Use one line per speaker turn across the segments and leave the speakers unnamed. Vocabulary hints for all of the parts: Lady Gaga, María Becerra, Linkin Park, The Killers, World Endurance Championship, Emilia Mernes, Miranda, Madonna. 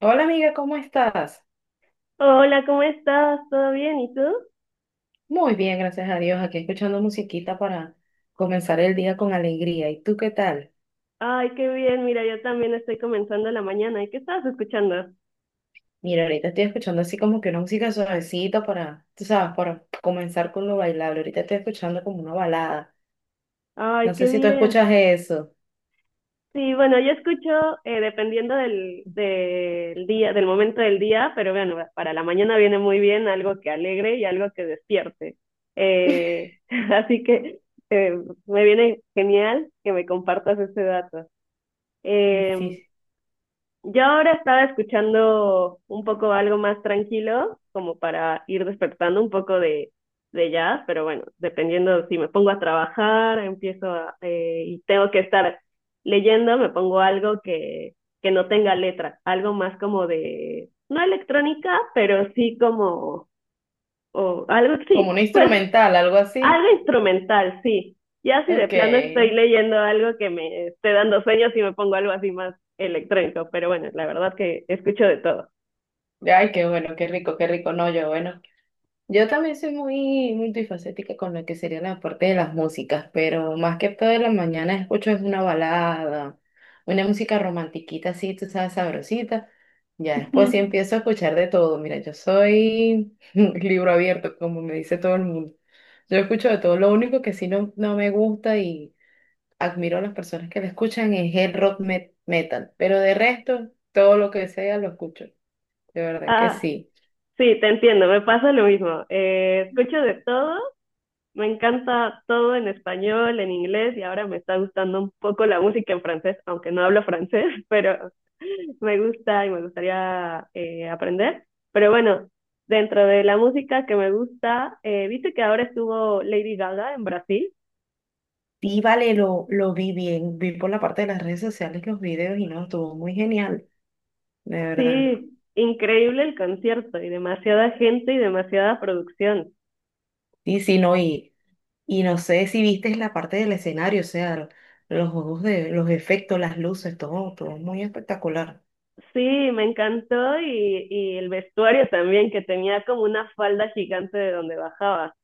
Hola amiga, ¿cómo estás?
Hola, ¿cómo estás? ¿Todo bien? ¿Y tú?
Muy bien, gracias a Dios. Aquí escuchando musiquita para comenzar el día con alegría. ¿Y tú qué tal?
Ay, qué bien. Mira, yo también estoy comenzando la mañana. ¿Y qué estabas escuchando?
Mira, ahorita estoy escuchando así como que una música suavecita para, tú sabes, para comenzar con lo bailable. Ahorita estoy escuchando como una balada.
Ay,
No sé
qué
si tú
bien.
escuchas eso.
Sí, bueno, yo escucho dependiendo del día, del momento del día, pero bueno, para la mañana viene muy bien algo que alegre y algo que despierte. Eh, así que eh, me viene genial que me compartas ese dato.
Sí,
Em,
sí.
Yo ahora estaba escuchando un poco algo más tranquilo, como para ir despertando un poco de, jazz, pero bueno, dependiendo si me pongo a trabajar, y tengo que estar leyendo, me pongo algo que no tenga letra, algo más como de, no electrónica, pero sí como, o algo,
Como una
sí, pues
instrumental, algo así.
algo instrumental, sí. Ya si de
Ok.
plano estoy
Ay,
leyendo algo que me esté dando sueños y me pongo algo así más electrónico, pero bueno, la verdad que escucho de todo.
qué bueno, qué rico, qué rico. No, yo, bueno. Yo también soy muy multifacética con lo que sería la parte de las músicas, pero más que todo en la mañana escucho es una balada, una música romantiquita así, tú sabes, sabrosita. Ya después sí empiezo a escuchar de todo. Mira, yo soy libro abierto, como me dice todo el mundo. Yo escucho de todo. Lo único que sí no, no me gusta y admiro a las personas que lo escuchan es el metal, pero de resto, todo lo que sea lo escucho. De verdad que
Ah,
sí.
sí, te entiendo, me pasa lo mismo. Escucho de todo, me encanta todo en español, en inglés y ahora me está gustando un poco la música en francés, aunque no hablo francés, pero me gusta y me gustaría aprender. Pero bueno, dentro de la música que me gusta, viste que ahora estuvo Lady Gaga en Brasil.
Y vale, lo vi bien, vi por la parte de las redes sociales los videos y no, estuvo muy genial, de verdad.
Sí, increíble el concierto y demasiada gente y demasiada producción.
Sí, sí, no, y no sé si viste la parte del escenario, o sea, los juegos de los efectos, las luces, todo, todo muy espectacular.
Sí, me encantó y el vestuario también, que tenía como una falda gigante de donde bajaba.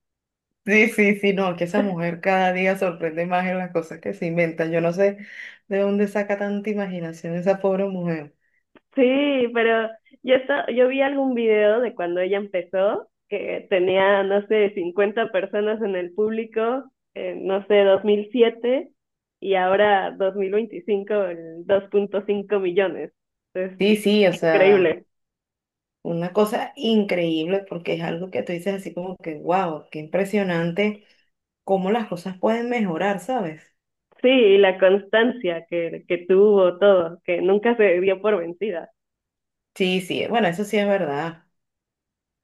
Sí, sí, sí, no, que esa mujer cada día sorprende más en las cosas que se inventan. Yo no sé de dónde saca tanta imaginación esa pobre mujer.
Sí, pero yo vi algún video de cuando ella empezó, que tenía, no sé, 50 personas en el público, en, no sé, 2007 y ahora 2025, el 2,5 millones. Es
Sí, sí, o sea,
increíble.
una cosa increíble porque es algo que tú dices así como que, wow, qué impresionante cómo las cosas pueden mejorar, ¿sabes?
Sí, y la constancia que tuvo todo, que nunca se dio por vencida.
Sí, sí, bueno, eso sí es verdad.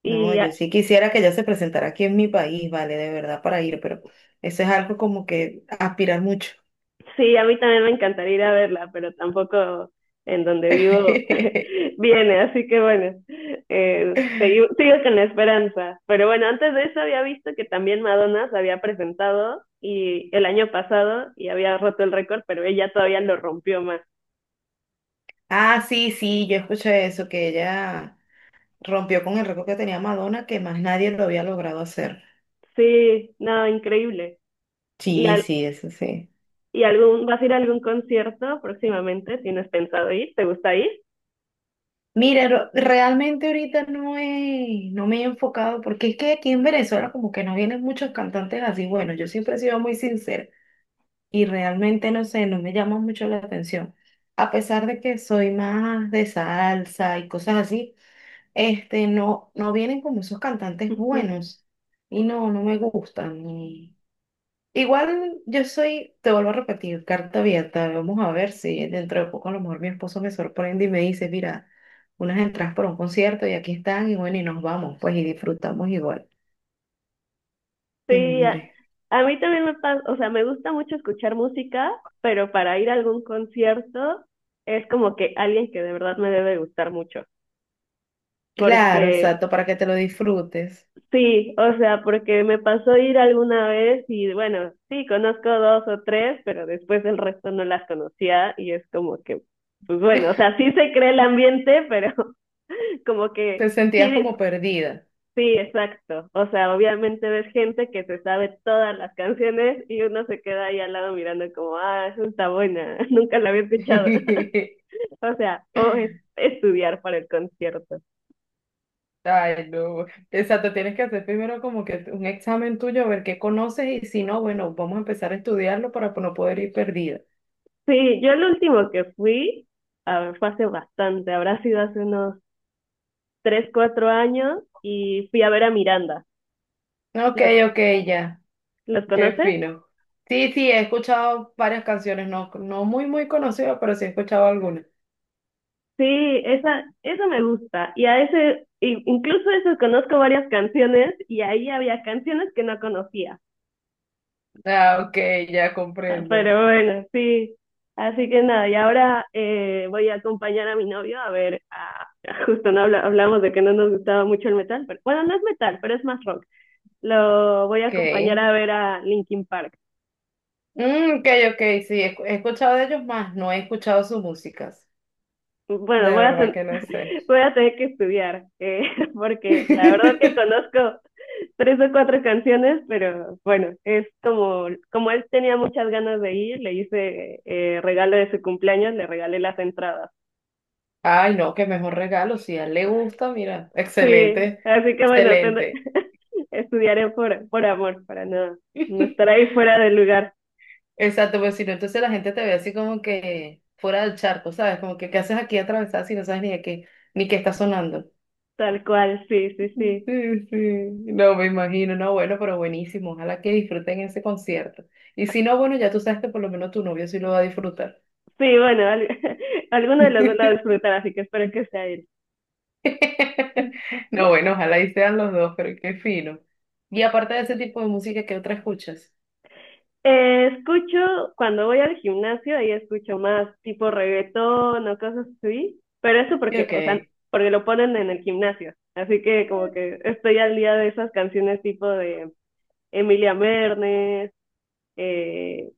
No,
Y
yo sí quisiera que ella se presentara aquí en mi país, vale, de verdad, para ir, pero eso es algo como que aspirar mucho.
sí, a mí también me encantaría ir a verla, pero tampoco en donde vivo viene, así que bueno, sigo con la esperanza. Pero bueno, antes de eso había visto que también Madonna se había presentado y el año pasado y había roto el récord, pero ella todavía lo rompió más.
Ah, sí, sí, yo escuché eso, que ella rompió con el récord que tenía Madonna, que más nadie lo había logrado hacer.
Sí, no, increíble. ¿Y,
Sí,
al,
sí, eso sí.
vas a ir a algún concierto próximamente? ¿Tienes pensado ir? ¿Te gusta ir?
Mira, realmente ahorita no me he enfocado, porque es que aquí en Venezuela como que no vienen muchos cantantes así. Bueno, yo siempre he sido muy sincera. Y realmente no sé, no me llama mucho la atención. A pesar de que soy más de salsa y cosas así, no, no vienen como esos cantantes buenos y no, no me gustan. Igual yo soy, te vuelvo a repetir, carta abierta. Vamos a ver si dentro de poco a lo mejor mi esposo me sorprende y me dice, mira, unas entradas por un concierto y aquí están y bueno, y nos vamos, pues y disfrutamos igual.
Sí,
Hombre.
a mí también me pasa, o sea, me gusta mucho escuchar música, pero para ir a algún concierto es como que alguien que de verdad me debe gustar mucho. Porque
Claro, exacto, para que te lo disfrutes.
sí, o sea, porque me pasó ir alguna vez y bueno, sí, conozco dos o tres, pero después el resto no las conocía y es como que, pues bueno, o sea, sí se cree el ambiente, pero como que
Te
sí,
sentías como perdida.
sí, exacto. O sea, obviamente ves gente que se sabe todas las canciones y uno se queda ahí al lado mirando como, ah, esa está buena, nunca la había escuchado. O sea, o es estudiar para el concierto.
Ay, no. Exacto, tienes que hacer primero como que un examen tuyo, a ver qué conoces y si no, bueno, vamos a empezar a estudiarlo para no poder ir perdida.
Sí, yo el último que fui, a ver, fue hace bastante, habrá sido hace unos 3, 4 años y fui a ver a Miranda.
Ok,
¿Los,
ok, ya.
los
Qué
conoces?
fino. Sí, sí, he escuchado varias canciones, no, no muy conocidas, pero sí he escuchado algunas.
Sí, esa, eso me gusta. Y a ese, incluso eso conozco varias canciones y ahí había canciones que no conocía.
Ah, ok, ya
Ah,
comprendo.
pero bueno, sí. Así que nada, y ahora voy a acompañar a mi novio a ver, justo no habla- hablamos de que no nos gustaba mucho el metal, pero bueno, no es metal, pero es más rock. Lo voy a
Ok.
acompañar a ver a Linkin Park.
Mm, ok, ok, sí, he escuchado de ellos más, no he escuchado sus músicas. De
Bueno,
verdad que no sé.
voy a tener que estudiar, porque la verdad que conozco tres o cuatro canciones, pero bueno, es como, como él tenía muchas ganas de ir, le hice regalo de su cumpleaños, le regalé las entradas.
Ay, no, qué mejor regalo. Si a él le gusta, mira,
Sí,
excelente,
así que bueno,
excelente.
estudiaré por amor, para no estar ahí fuera del lugar,
Exacto, pues si no, entonces la gente te ve así como que fuera del charco, ¿sabes? Como que, ¿qué haces aquí atravesada si no sabes ni de qué, ni qué está sonando?
tal cual, sí, sí, sí.
Sí, sí, no me imagino, no, bueno, pero buenísimo, ojalá que disfruten ese concierto. Y si no, bueno, ya tú sabes que por lo menos tu novio sí lo va a disfrutar.
Sí, bueno, alguno de los dos la disfrutará, así que espero que sea él.
No, bueno, ojalá y sean los dos, pero qué fino. Y aparte de ese tipo de música, ¿qué otra escuchas?
Escucho, cuando voy al gimnasio, ahí escucho más tipo reggaetón o cosas así, pero eso porque, o sea,
Ok.
porque lo ponen en el gimnasio, así que como que estoy al día de esas canciones tipo de Emilia Mernes, eh,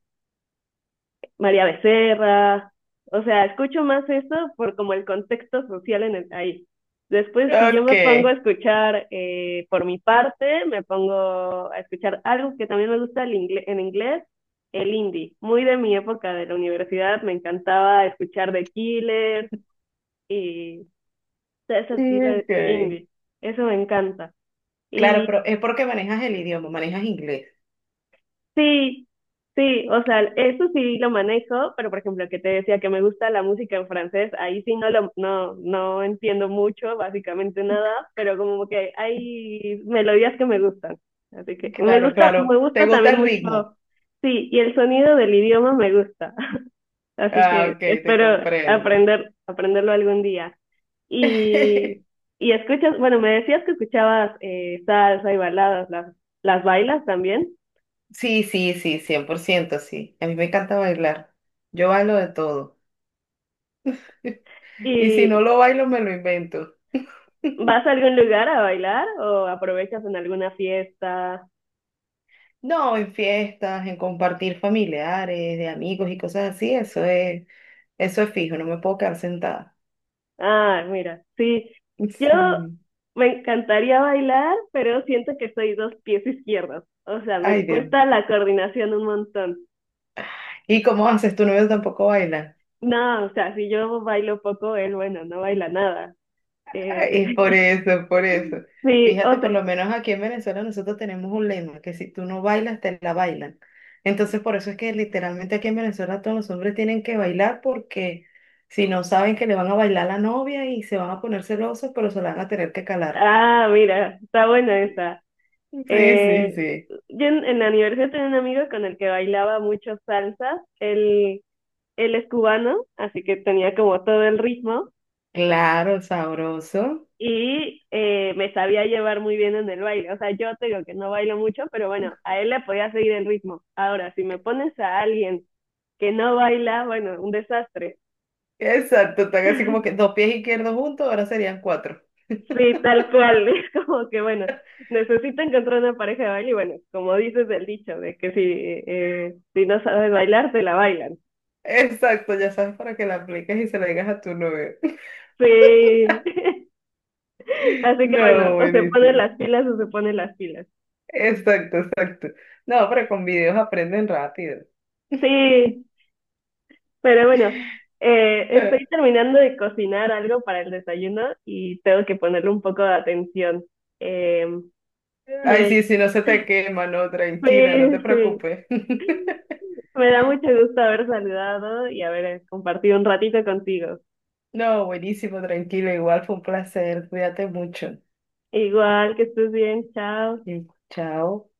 María Becerra, o sea, escucho más eso por como el contexto social en el, ahí. Después, si yo me pongo a
Okay,
escuchar por mi parte, me pongo a escuchar algo que también me gusta en inglés, el indie. Muy de mi época de la universidad, me encantaba escuchar The Killers y todo ese estilo de
okay.
indie. Eso me encanta.
Claro,
Y
pero es porque manejas el idioma, manejas inglés.
sí, sí, o sea, eso sí lo manejo, pero por ejemplo, que te decía que me gusta la música en francés, ahí sí no lo, no, no entiendo mucho, básicamente nada, pero como que hay melodías que me gustan. Así que
Claro,
me
claro. ¿Te
gusta
gusta
también
el
mucho,
ritmo?
sí, y el sonido del idioma me gusta. Así
Ah,
que
ok, te
espero
comprendo.
aprenderlo algún día. Y, y escuchas, bueno, me decías que escuchabas salsa y baladas, las bailas también.
Sí, sí, sí, cien por ciento, sí. A mí me encanta bailar. Yo bailo de todo. Y si no
Y
lo bailo, me lo invento.
¿vas a algún lugar a bailar o aprovechas en alguna fiesta?
No, en fiestas, en compartir familiares, de amigos y cosas así, eso es fijo, no me puedo quedar sentada.
Ah, mira, sí. Yo
Sí.
me encantaría bailar, pero siento que soy dos pies izquierdos. O sea,
Ay,
me
Dios.
cuesta la coordinación un montón.
¿Y cómo haces? ¿Tu novio tampoco baila?
No, o sea, si yo bailo poco, él, bueno, no baila nada.
Es
Eh,
por eso, por eso.
sí,
Fíjate,
o
por
sea,
lo menos aquí en Venezuela nosotros tenemos un lema, que si tú no bailas, te la bailan. Entonces, por eso es que literalmente aquí en Venezuela todos los hombres tienen que bailar porque si no saben que le van a bailar a la novia y se van a poner celosos, pero se la van a tener que calar.
ah, mira, está buena esa.
Sí, sí,
Eh,
sí.
yo en la universidad tenía un amigo con el que bailaba mucho salsa. Él es cubano, así que tenía como todo el ritmo.
Claro, sabroso.
Y me sabía llevar muy bien en el baile. O sea, yo te digo que no bailo mucho, pero bueno, a él le podía seguir el ritmo. Ahora, si me pones a alguien que no baila, bueno, un desastre.
Exacto, están así como que dos pies izquierdos juntos, ahora serían cuatro.
Sí, tal cual. Es como que, bueno, necesito encontrar una pareja de baile y bueno, como dices el dicho, de que si no sabes bailar, te la bailan.
Exacto, ya sabes para que la apliques y se la digas a tu novio.
Sí, así que bueno,
No,
o se ponen
buenísimo.
las pilas o se ponen las pilas.
Exacto, exacto. No, pero con videos aprenden rápido.
Sí, pero bueno,
Eh,
estoy terminando de cocinar algo para el desayuno y tengo que ponerle un poco de atención. Eh,
Ay,
me,
sí, si no se te quema, no,
sí,
tranquila, no te
sí,
preocupes.
me da mucho gusto haber saludado y haber compartido un ratito contigo.
No, buenísimo, tranquila, igual fue un placer. Cuídate mucho.
Igual que estés bien, chao.
Y Chao.